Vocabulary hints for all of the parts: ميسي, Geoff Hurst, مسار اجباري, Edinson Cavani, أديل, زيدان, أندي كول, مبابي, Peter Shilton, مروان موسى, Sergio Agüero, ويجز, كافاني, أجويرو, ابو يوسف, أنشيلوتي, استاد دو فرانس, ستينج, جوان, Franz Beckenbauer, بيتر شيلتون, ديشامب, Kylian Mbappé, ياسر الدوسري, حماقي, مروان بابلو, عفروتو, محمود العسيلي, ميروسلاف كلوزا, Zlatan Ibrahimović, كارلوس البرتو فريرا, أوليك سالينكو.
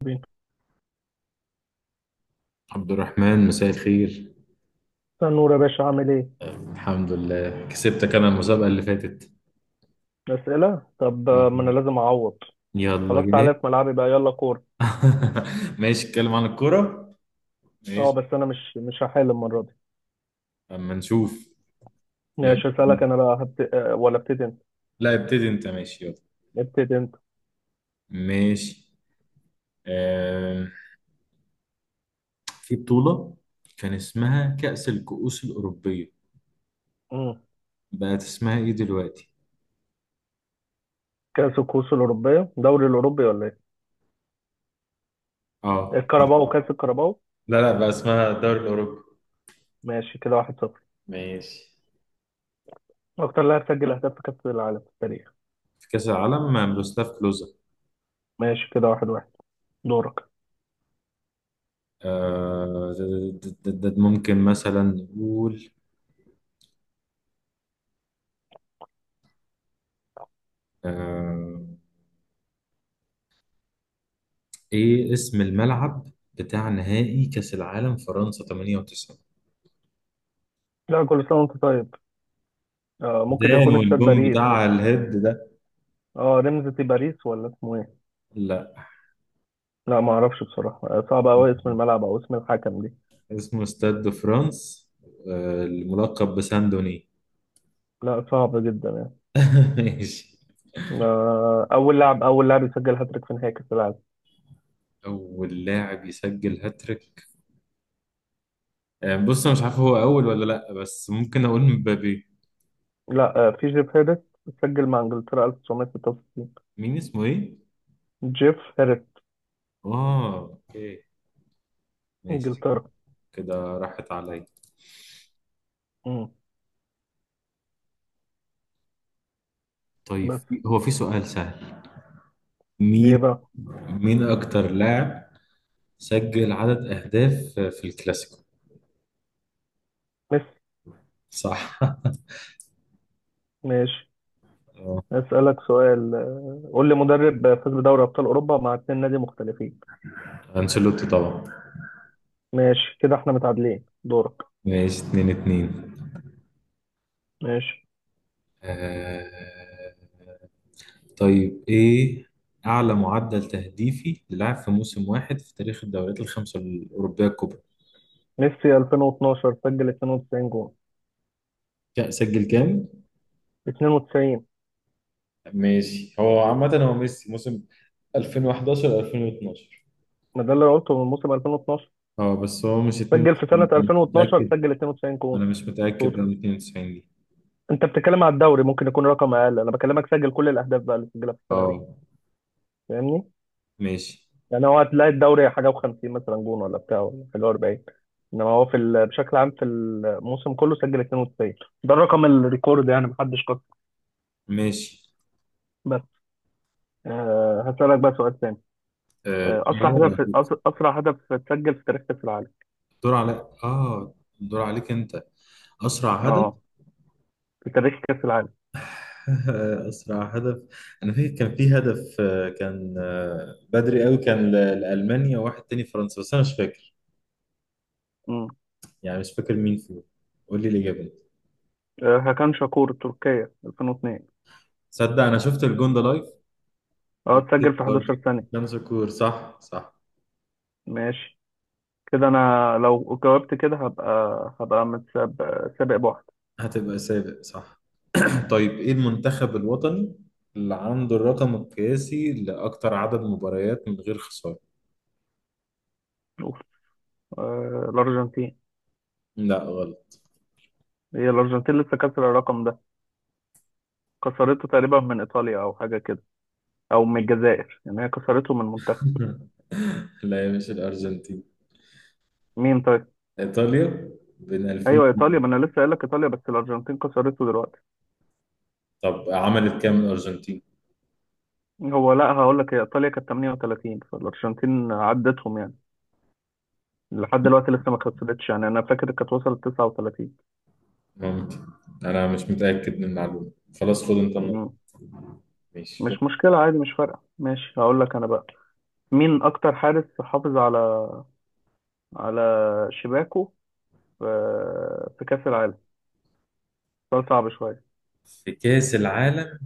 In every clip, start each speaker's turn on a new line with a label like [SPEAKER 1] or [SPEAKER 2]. [SPEAKER 1] استنى
[SPEAKER 2] عبد الرحمن، مساء الخير.
[SPEAKER 1] نور يا باشا، عامل ايه؟
[SPEAKER 2] الحمد لله، كسبتك انا المسابقة اللي فاتت.
[SPEAKER 1] أسئلة؟ طب، ما أنا لازم أعوض.
[SPEAKER 2] يلا
[SPEAKER 1] خلاص،
[SPEAKER 2] جاهز.
[SPEAKER 1] تعالى في ملعبي بقى، يلا كورة.
[SPEAKER 2] ماشي، اتكلم عن الكورة. ماشي.
[SPEAKER 1] بس أنا مش هحل المرة دي.
[SPEAKER 2] اما نشوف. يلا.
[SPEAKER 1] ماشي، أسألك أنا بقى. هبت... آه، ولا ابتدي أنت؟
[SPEAKER 2] لا ابتدي انت، ماشي يلا.
[SPEAKER 1] ابتدي أنت.
[SPEAKER 2] ماشي. آه في بطولة كان اسمها كأس الكؤوس الأوروبية،
[SPEAKER 1] مم.
[SPEAKER 2] بقت اسمها ايه دلوقتي؟
[SPEAKER 1] كأس الكؤوس الأوروبية، دوري الأوروبي ولا إيه؟
[SPEAKER 2] اه.
[SPEAKER 1] الكاراباو اه كأس الكاراباو.
[SPEAKER 2] لا لا، بقى اسمها الدوري الأوروبي.
[SPEAKER 1] ماشي كده، 1-0.
[SPEAKER 2] ماشي.
[SPEAKER 1] أكتر لاعب سجل أهداف في كأس العالم في التاريخ.
[SPEAKER 2] في كأس العالم مع ميروسلاف كلوزا.
[SPEAKER 1] ماشي كده، 1-1. دورك.
[SPEAKER 2] آه، ممكن مثلا نقول، آه، ايه اسم الملعب بتاع نهائي كأس العالم فرنسا 98؟
[SPEAKER 1] لا، كل سنة وأنت طيب. ممكن
[SPEAKER 2] زيدان
[SPEAKER 1] يكون استاد
[SPEAKER 2] والجون
[SPEAKER 1] باريس مثلا.
[SPEAKER 2] بتاع الهيد ده.
[SPEAKER 1] رمزة باريس ولا اسمه إيه؟
[SPEAKER 2] لا،
[SPEAKER 1] لا ما أعرفش بصراحة. صعب أوي اسم الملعب أو اسم الحكم دي.
[SPEAKER 2] اسمه استاد دو فرانس، الملقب بساندوني.
[SPEAKER 1] لا، صعب جدا يعني.
[SPEAKER 2] ماشي.
[SPEAKER 1] أول لاعب يسجل هاتريك في نهائي كأس العالم.
[SPEAKER 2] اول لاعب يسجل هاتريك؟ بص انا مش عارف هو اول ولا لا، بس ممكن اقول مبابي.
[SPEAKER 1] لا، في جيف هيرست. سجل مع إنجلترا 1966.
[SPEAKER 2] مين؟ اسمه ايه؟
[SPEAKER 1] جيف هيرست.
[SPEAKER 2] اه اوكي، ماشي.
[SPEAKER 1] إنجلترا.
[SPEAKER 2] كده راحت عليا.
[SPEAKER 1] مم.
[SPEAKER 2] طيب
[SPEAKER 1] بس.
[SPEAKER 2] هو في سؤال سهل.
[SPEAKER 1] إيه
[SPEAKER 2] مين؟
[SPEAKER 1] بقى.
[SPEAKER 2] مين اكتر لاعب سجل عدد أهداف في الكلاسيكو؟
[SPEAKER 1] ميسي.
[SPEAKER 2] صح.
[SPEAKER 1] ماشي،
[SPEAKER 2] آه،
[SPEAKER 1] أسألك سؤال. قول لي مدرب فاز بدوري أبطال أوروبا مع اتنين نادي مختلفين.
[SPEAKER 2] أنشيلوتي طبعا.
[SPEAKER 1] ماشي كده، إحنا متعادلين. دورك.
[SPEAKER 2] ماشي، اتنين اتنين.
[SPEAKER 1] ماشي.
[SPEAKER 2] آه... طيب، إيه أعلى معدل تهديفي للاعب في موسم واحد في تاريخ الدوريات الخمسة الأوروبية الكبرى؟
[SPEAKER 1] ميسي 2012 سجل 92 جول.
[SPEAKER 2] سجل كام؟
[SPEAKER 1] 92.
[SPEAKER 2] ماشي، هو عامة هو ميسي موسم 2011 2012.
[SPEAKER 1] ما ده اللي أنا قلته من موسم 2012.
[SPEAKER 2] اه، بس هو مش
[SPEAKER 1] سجل في سنة
[SPEAKER 2] 92، مش
[SPEAKER 1] 2012
[SPEAKER 2] متأكد.
[SPEAKER 1] سجل 92 جول.
[SPEAKER 2] أنا مش متأكد
[SPEAKER 1] توتال.
[SPEAKER 2] من 92 دي.
[SPEAKER 1] انت بتتكلم على الدوري، ممكن يكون رقم اقل. انا بكلمك سجل كل الاهداف بقى اللي سجلها في السنه دي.
[SPEAKER 2] اه.
[SPEAKER 1] فاهمني.
[SPEAKER 2] ماشي.
[SPEAKER 1] يعني هو هتلاقي الدوري حاجه و50 مثلا جون، ولا بتاع، ولا حاجه 40. انما هو بشكل عام في الموسم كله سجل 92. ده الرقم الريكورد، يعني محدش كسر.
[SPEAKER 2] ماشي.
[SPEAKER 1] بس. هسألك بقى سؤال تاني.
[SPEAKER 2] طيب.
[SPEAKER 1] اسرع هدف اتسجل في تاريخ كاس العالم.
[SPEAKER 2] دور عليك. اه، دور عليك انت. اسرع هدف.
[SPEAKER 1] اه في تاريخ كاس العالم.
[SPEAKER 2] اسرع هدف. انا فاكر كان في هدف، آه، كان آه، بدري قوي، كان لالمانيا وواحد تاني فرنسا، بس انا مش فاكر.
[SPEAKER 1] امم
[SPEAKER 2] يعني مش فاكر مين فيهم. قول لي الاجابه.
[SPEAKER 1] هاكان شاكور، تركيا 2002.
[SPEAKER 2] صدق، انا شفت الجون ده لايف.
[SPEAKER 1] اه اتسجل
[SPEAKER 2] وكسبت
[SPEAKER 1] في
[SPEAKER 2] برضه.
[SPEAKER 1] 11 ثانيه.
[SPEAKER 2] كان شكور، صح صح.
[SPEAKER 1] ماشي كده، انا لو جاوبت كده هبقى، هبقى متسابق سابق بواحد.
[SPEAKER 2] هتبقى سابق، صح. طيب، ايه المنتخب الوطني اللي عنده الرقم القياسي لاكتر عدد مباريات من غير خساره؟
[SPEAKER 1] شوف. الارجنتين.
[SPEAKER 2] لا غلط.
[SPEAKER 1] هي الارجنتين لسه كسر الرقم ده. كسرته تقريبا من ايطاليا او حاجه كده، او من الجزائر، يعني هي كسرته من منتخب.
[SPEAKER 2] لا يا، مش الارجنتين.
[SPEAKER 1] مين طيب.
[SPEAKER 2] ايطاليا، بين 2000.
[SPEAKER 1] ايوه، ايطاليا. ما انا لسه قايل لك ايطاليا، بس الارجنتين كسرته دلوقتي.
[SPEAKER 2] طب عملت كام الارجنتين؟
[SPEAKER 1] هو لا، هقول لك، هي ايطاليا كانت 38 فالارجنتين عدتهم يعني. لحد دلوقتي لسه ما كسرتش، يعني انا فاكر كانت وصلت 39.
[SPEAKER 2] ممكن، انا مش متاكد من المعلومه. خلاص، خد انت النقطه.
[SPEAKER 1] مم.
[SPEAKER 2] ماشي.
[SPEAKER 1] مش مشكله، عادي، مش فارقه. ماشي، هقول لك انا بقى. مين اكتر حارس حافظ على على شباكه في في كأس العالم؟ سؤال صعب شوية.
[SPEAKER 2] في كاس العالم.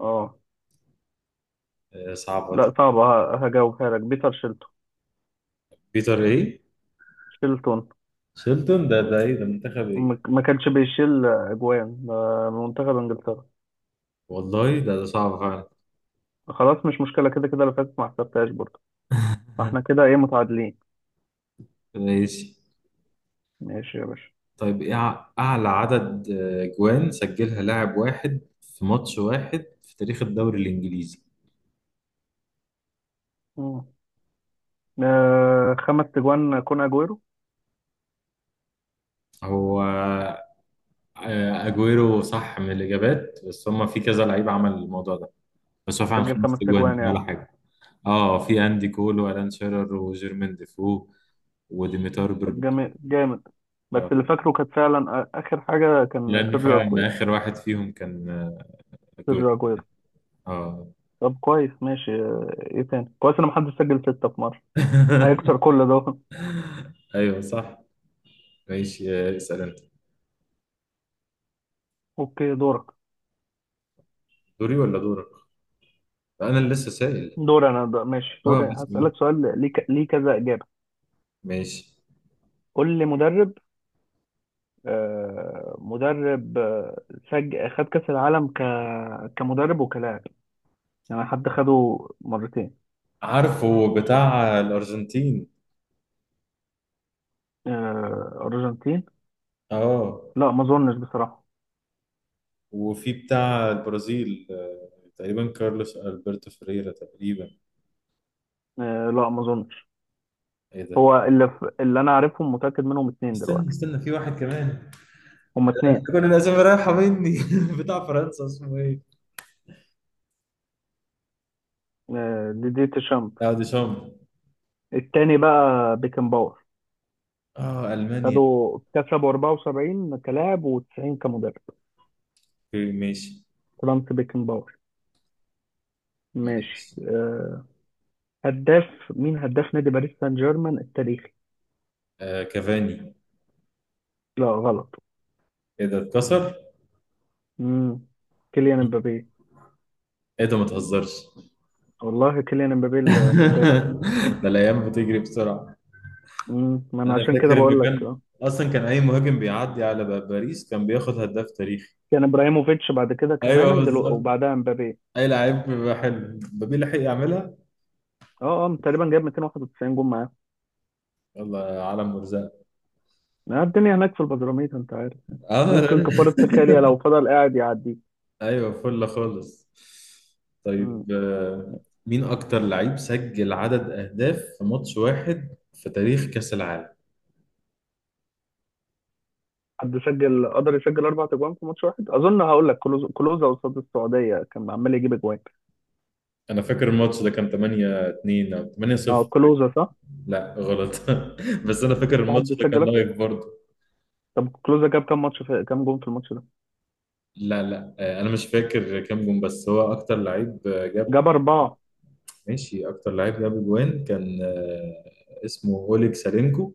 [SPEAKER 1] اه.
[SPEAKER 2] صعبه دي.
[SPEAKER 1] لا صعب، هجاوبها لك، بيتر شيلتون.
[SPEAKER 2] بيتر ايه؟
[SPEAKER 1] شيلتون
[SPEAKER 2] شيلتون ده، ايه ده؟ منتخب ايه؟
[SPEAKER 1] ما كانش بيشيل أجوان منتخب إنجلترا.
[SPEAKER 2] والله، ده صعب فعلا.
[SPEAKER 1] خلاص، مش مشكلة. كده كده اللي فاتت ما حسبتهاش برضه. فاحنا كده ايه، متعادلين.
[SPEAKER 2] ماشي.
[SPEAKER 1] ماشي يا باشا.
[SPEAKER 2] طيب، ايه اعلى عدد جوان سجلها لاعب واحد في ماتش واحد في تاريخ الدوري الانجليزي؟
[SPEAKER 1] مم. خمس تجوان، كون أجويرو.
[SPEAKER 2] هو اجويرو صح من الاجابات، بس هما في كذا لعيب عمل الموضوع ده. بس هو فعلا
[SPEAKER 1] سجل
[SPEAKER 2] خمس
[SPEAKER 1] خمس
[SPEAKER 2] اجوان دي
[SPEAKER 1] تجوان
[SPEAKER 2] ولا
[SPEAKER 1] يعني.
[SPEAKER 2] حاجه؟ اه، في اندي كول والان شيرر وجيرمين ديفو وديميتار
[SPEAKER 1] طب
[SPEAKER 2] برباتوف.
[SPEAKER 1] جامد جامد. بس
[SPEAKER 2] اه،
[SPEAKER 1] اللي فاكره كانت فعلا آخر حاجة كان
[SPEAKER 2] لان
[SPEAKER 1] سيرجيو
[SPEAKER 2] فعلا
[SPEAKER 1] أجويرو.
[SPEAKER 2] اخر واحد فيهم كان جول.
[SPEAKER 1] سيرجيو أجويرو.
[SPEAKER 2] اه.
[SPEAKER 1] طب كويس، ماشي. ايه تاني كويس ان محدش سجل ستة في مرة. هيكسر كل ده.
[SPEAKER 2] ايوه صح. ماشي، اسال انت.
[SPEAKER 1] اوكي، دورك.
[SPEAKER 2] دوري ولا دورك؟ انا اللي لسه سائل.
[SPEAKER 1] دور انا ده، ماشي دوري.
[SPEAKER 2] اه اسال،
[SPEAKER 1] هسألك سؤال ليه ليه كذا إجابة.
[SPEAKER 2] ماشي.
[SPEAKER 1] قول لي مدرب، مدرب، خد كأس العالم كمدرب وكلاعب. يعني حد خده مرتين.
[SPEAKER 2] عارفه بتاع الارجنتين.
[SPEAKER 1] أرجنتين.
[SPEAKER 2] اه،
[SPEAKER 1] لا، ما اظنش بصراحة.
[SPEAKER 2] وفي بتاع البرازيل، تقريبا كارلوس البرتو فريرا تقريبا.
[SPEAKER 1] لا، ما اظنش.
[SPEAKER 2] ايه ده؟
[SPEAKER 1] هو اللي انا عارفهم متأكد منهم اتنين
[SPEAKER 2] استنى
[SPEAKER 1] دلوقتي.
[SPEAKER 2] استنى، في واحد كمان.
[SPEAKER 1] هما اتنين.
[SPEAKER 2] كل الاسامي رايحه مني. بتاع فرنسا اسمه ايه؟
[SPEAKER 1] دي دي تشامب.
[SPEAKER 2] اه، ديشامب.
[SPEAKER 1] التاني بقى، بيكن باور.
[SPEAKER 2] اه، المانيا.
[SPEAKER 1] خدوا كسبوا 74 كلاعب و90 كمدرب.
[SPEAKER 2] اوكي، ماشي.
[SPEAKER 1] فرانس بيكنباور. ماشي.
[SPEAKER 2] ماشي.
[SPEAKER 1] هداف. مين هداف نادي باريس سان جيرمان التاريخي؟
[SPEAKER 2] كافاني.
[SPEAKER 1] لا غلط.
[SPEAKER 2] ايه ده، اتكسر؟
[SPEAKER 1] مم. كيليان امبابي.
[SPEAKER 2] ايه ده، ما تهزرش.
[SPEAKER 1] والله كيليان امبابي الهداف.
[SPEAKER 2] ده الايام بتجري بسرعه.
[SPEAKER 1] مم. ما انا
[SPEAKER 2] انا
[SPEAKER 1] عشان كده
[SPEAKER 2] فاكر
[SPEAKER 1] بقول
[SPEAKER 2] انه
[SPEAKER 1] لك
[SPEAKER 2] كان
[SPEAKER 1] اه.
[SPEAKER 2] اصلا، كان اي مهاجم بيعدي على باريس كان بياخد هداف تاريخي.
[SPEAKER 1] كان ابراهيموفيتش، بعد كده
[SPEAKER 2] ايوه
[SPEAKER 1] كافاني
[SPEAKER 2] بالظبط.
[SPEAKER 1] وبعدها امبابي.
[SPEAKER 2] اي لعيب بيبقى حلو، مبابي لحق يعملها.
[SPEAKER 1] اه اه، تقريبا جاب 291 جون معاه.
[SPEAKER 2] يلا يا عالم مرزق.
[SPEAKER 1] الدنيا هناك في البدراميت، انت عارف.
[SPEAKER 2] اه، لا
[SPEAKER 1] ممكن
[SPEAKER 2] لا.
[SPEAKER 1] كفارة سخاليا لو فضل قاعد يعدي.
[SPEAKER 2] ايوه فل خالص.
[SPEAKER 1] مم.
[SPEAKER 2] طيب، مين اكتر لعيب سجل عدد اهداف في ماتش واحد في تاريخ كاس العالم؟
[SPEAKER 1] حد سجل، قدر يسجل اربع اجوان في ماتش واحد اظن. هقول لك، كلوزا قصاد السعوديه كان عمال يجيب اجوان.
[SPEAKER 2] انا فاكر الماتش ده كان 8-2 او 8
[SPEAKER 1] اه،
[SPEAKER 2] 0
[SPEAKER 1] كلوزا صح.
[SPEAKER 2] لا غلط. بس انا فاكر
[SPEAKER 1] في
[SPEAKER 2] الماتش
[SPEAKER 1] حد
[SPEAKER 2] ده كان
[SPEAKER 1] سجل اكتر.
[SPEAKER 2] لايف برضه.
[SPEAKER 1] طب كلوزا جاب كام جون في الماتش ده؟
[SPEAKER 2] لا لا، انا مش فاكر كام جون، بس هو اكتر لعيب جاب.
[SPEAKER 1] جاب اربعه.
[SPEAKER 2] ماشي، اكتر لعيب جاب جوان كان اسمه اوليك سالينكو،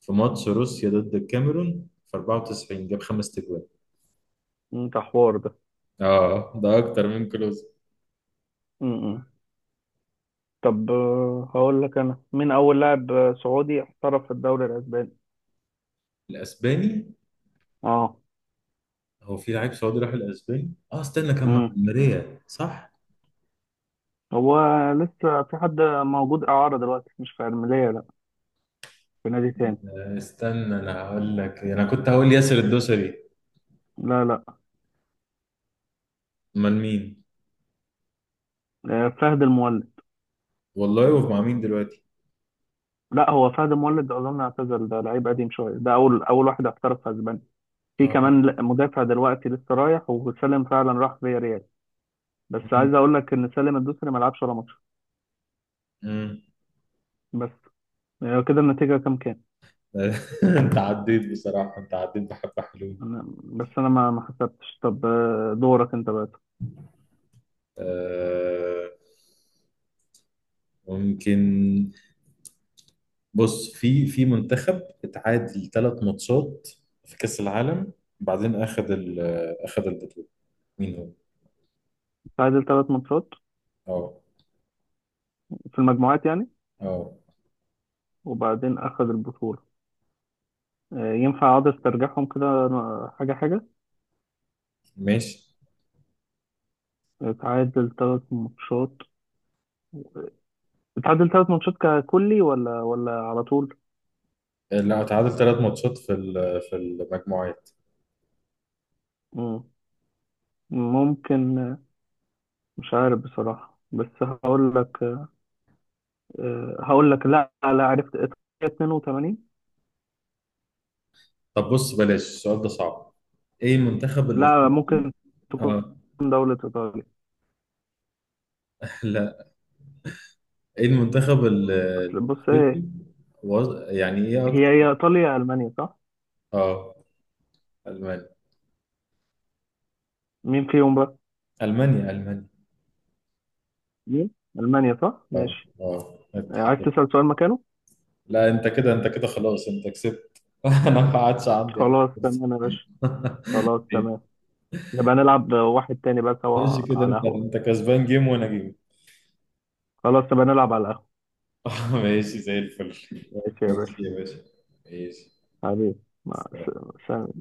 [SPEAKER 2] في ماتش روسيا ضد الكاميرون في 94، جاب خمس تجوان.
[SPEAKER 1] أمم، ده حوار ده.
[SPEAKER 2] اه، ده اكتر من كلوز.
[SPEAKER 1] امم طب، هقول لك انا. مين اول لاعب سعودي احترف في الدوري الاسباني؟
[SPEAKER 2] الاسباني.
[SPEAKER 1] اه.
[SPEAKER 2] هو في لعيب سعودي راح الاسباني؟ اه استنى، كان مع
[SPEAKER 1] امم
[SPEAKER 2] الماريا صح؟
[SPEAKER 1] هو لسه في حد موجود اعاره دلوقتي، مش في ارميليه لا، في نادي تاني.
[SPEAKER 2] استنى، انا هقول لك، انا كنت هقول ياسر الدوسري.
[SPEAKER 1] لا لا،
[SPEAKER 2] امال مين؟
[SPEAKER 1] فهد المولد.
[SPEAKER 2] والله، ومع مين دلوقتي؟
[SPEAKER 1] لا، هو فهد مولد اظن اعتزل، ده لعيب قديم شويه، ده اول، اول واحد احترف في اسبانيا. في
[SPEAKER 2] اه.
[SPEAKER 1] كمان مدافع دلوقتي لسه رايح، وسالم فعلا راح فيا ريال. بس عايز
[SPEAKER 2] مم.
[SPEAKER 1] اقول لك ان سالم الدوسري ما لعبش ولا ماتش.
[SPEAKER 2] مم.
[SPEAKER 1] بس، يعني كده النتيجه كام كام؟
[SPEAKER 2] انت عديت بصراحة، انت عديت بحبة حلوين.
[SPEAKER 1] بس انا ما حسبتش. طب، دورك انت بقى.
[SPEAKER 2] آه ممكن. بص، في منتخب اتعادل ثلاث ماتشات في كأس العالم، بعدين اخذ اخذ البطولة، مين هو؟
[SPEAKER 1] تعادل ثلاث ماتشات
[SPEAKER 2] اه.
[SPEAKER 1] في المجموعات يعني،
[SPEAKER 2] اه،
[SPEAKER 1] وبعدين اخذ البطوله. ينفع اقعد استرجعهم كده، حاجه حاجه.
[SPEAKER 2] ماشي.
[SPEAKER 1] تعادل ثلاث ماتشات. تعادل ثلاث ماتشات ككلي ولا على طول.
[SPEAKER 2] لا، اتعادل ثلاث ماتشات في في المجموعات.
[SPEAKER 1] ممكن. مش عارف بصراحة، بس هقول لك. هقول لك، لا لا، عرفت إيطاليا 82.
[SPEAKER 2] طب بص، بلاش، السؤال ده صعب. ايه المنتخب
[SPEAKER 1] لا،
[SPEAKER 2] الافريقي؟
[SPEAKER 1] ممكن تكون
[SPEAKER 2] اه.
[SPEAKER 1] دولة إيطاليا.
[SPEAKER 2] لا. ايه المنتخب
[SPEAKER 1] أصل بص
[SPEAKER 2] الافريقي،
[SPEAKER 1] إيه،
[SPEAKER 2] يعني ايه
[SPEAKER 1] هي
[SPEAKER 2] اكتر؟
[SPEAKER 1] هي إيطاليا يا ألمانيا صح؟
[SPEAKER 2] اه المانيا.
[SPEAKER 1] مين فيهم بقى؟
[SPEAKER 2] المانيا.
[SPEAKER 1] مين؟ ألمانيا صح؟
[SPEAKER 2] اه.
[SPEAKER 1] ماشي.
[SPEAKER 2] اه،
[SPEAKER 1] عايز
[SPEAKER 2] الاتحاد.
[SPEAKER 1] تسأل سؤال مكانه؟
[SPEAKER 2] لا انت كده، خلاص، انت كسبت. انا ما عادش عندي أي
[SPEAKER 1] خلاص
[SPEAKER 2] فرصة.
[SPEAKER 1] تمام يا باشا. خلاص تمام. نبقى نلعب واحد تاني بقى
[SPEAKER 2] ماشي
[SPEAKER 1] سوا
[SPEAKER 2] كده،
[SPEAKER 1] على
[SPEAKER 2] انت
[SPEAKER 1] قهوة.
[SPEAKER 2] انت كسبان جيم وانا جيم.
[SPEAKER 1] خلاص نبقى نلعب على قهوة.
[SPEAKER 2] ماشي زي الفل.
[SPEAKER 1] ماشي يا
[SPEAKER 2] ماشي
[SPEAKER 1] باشا.
[SPEAKER 2] يا باشا. ماشي.
[SPEAKER 1] حبيبي، مع سلام.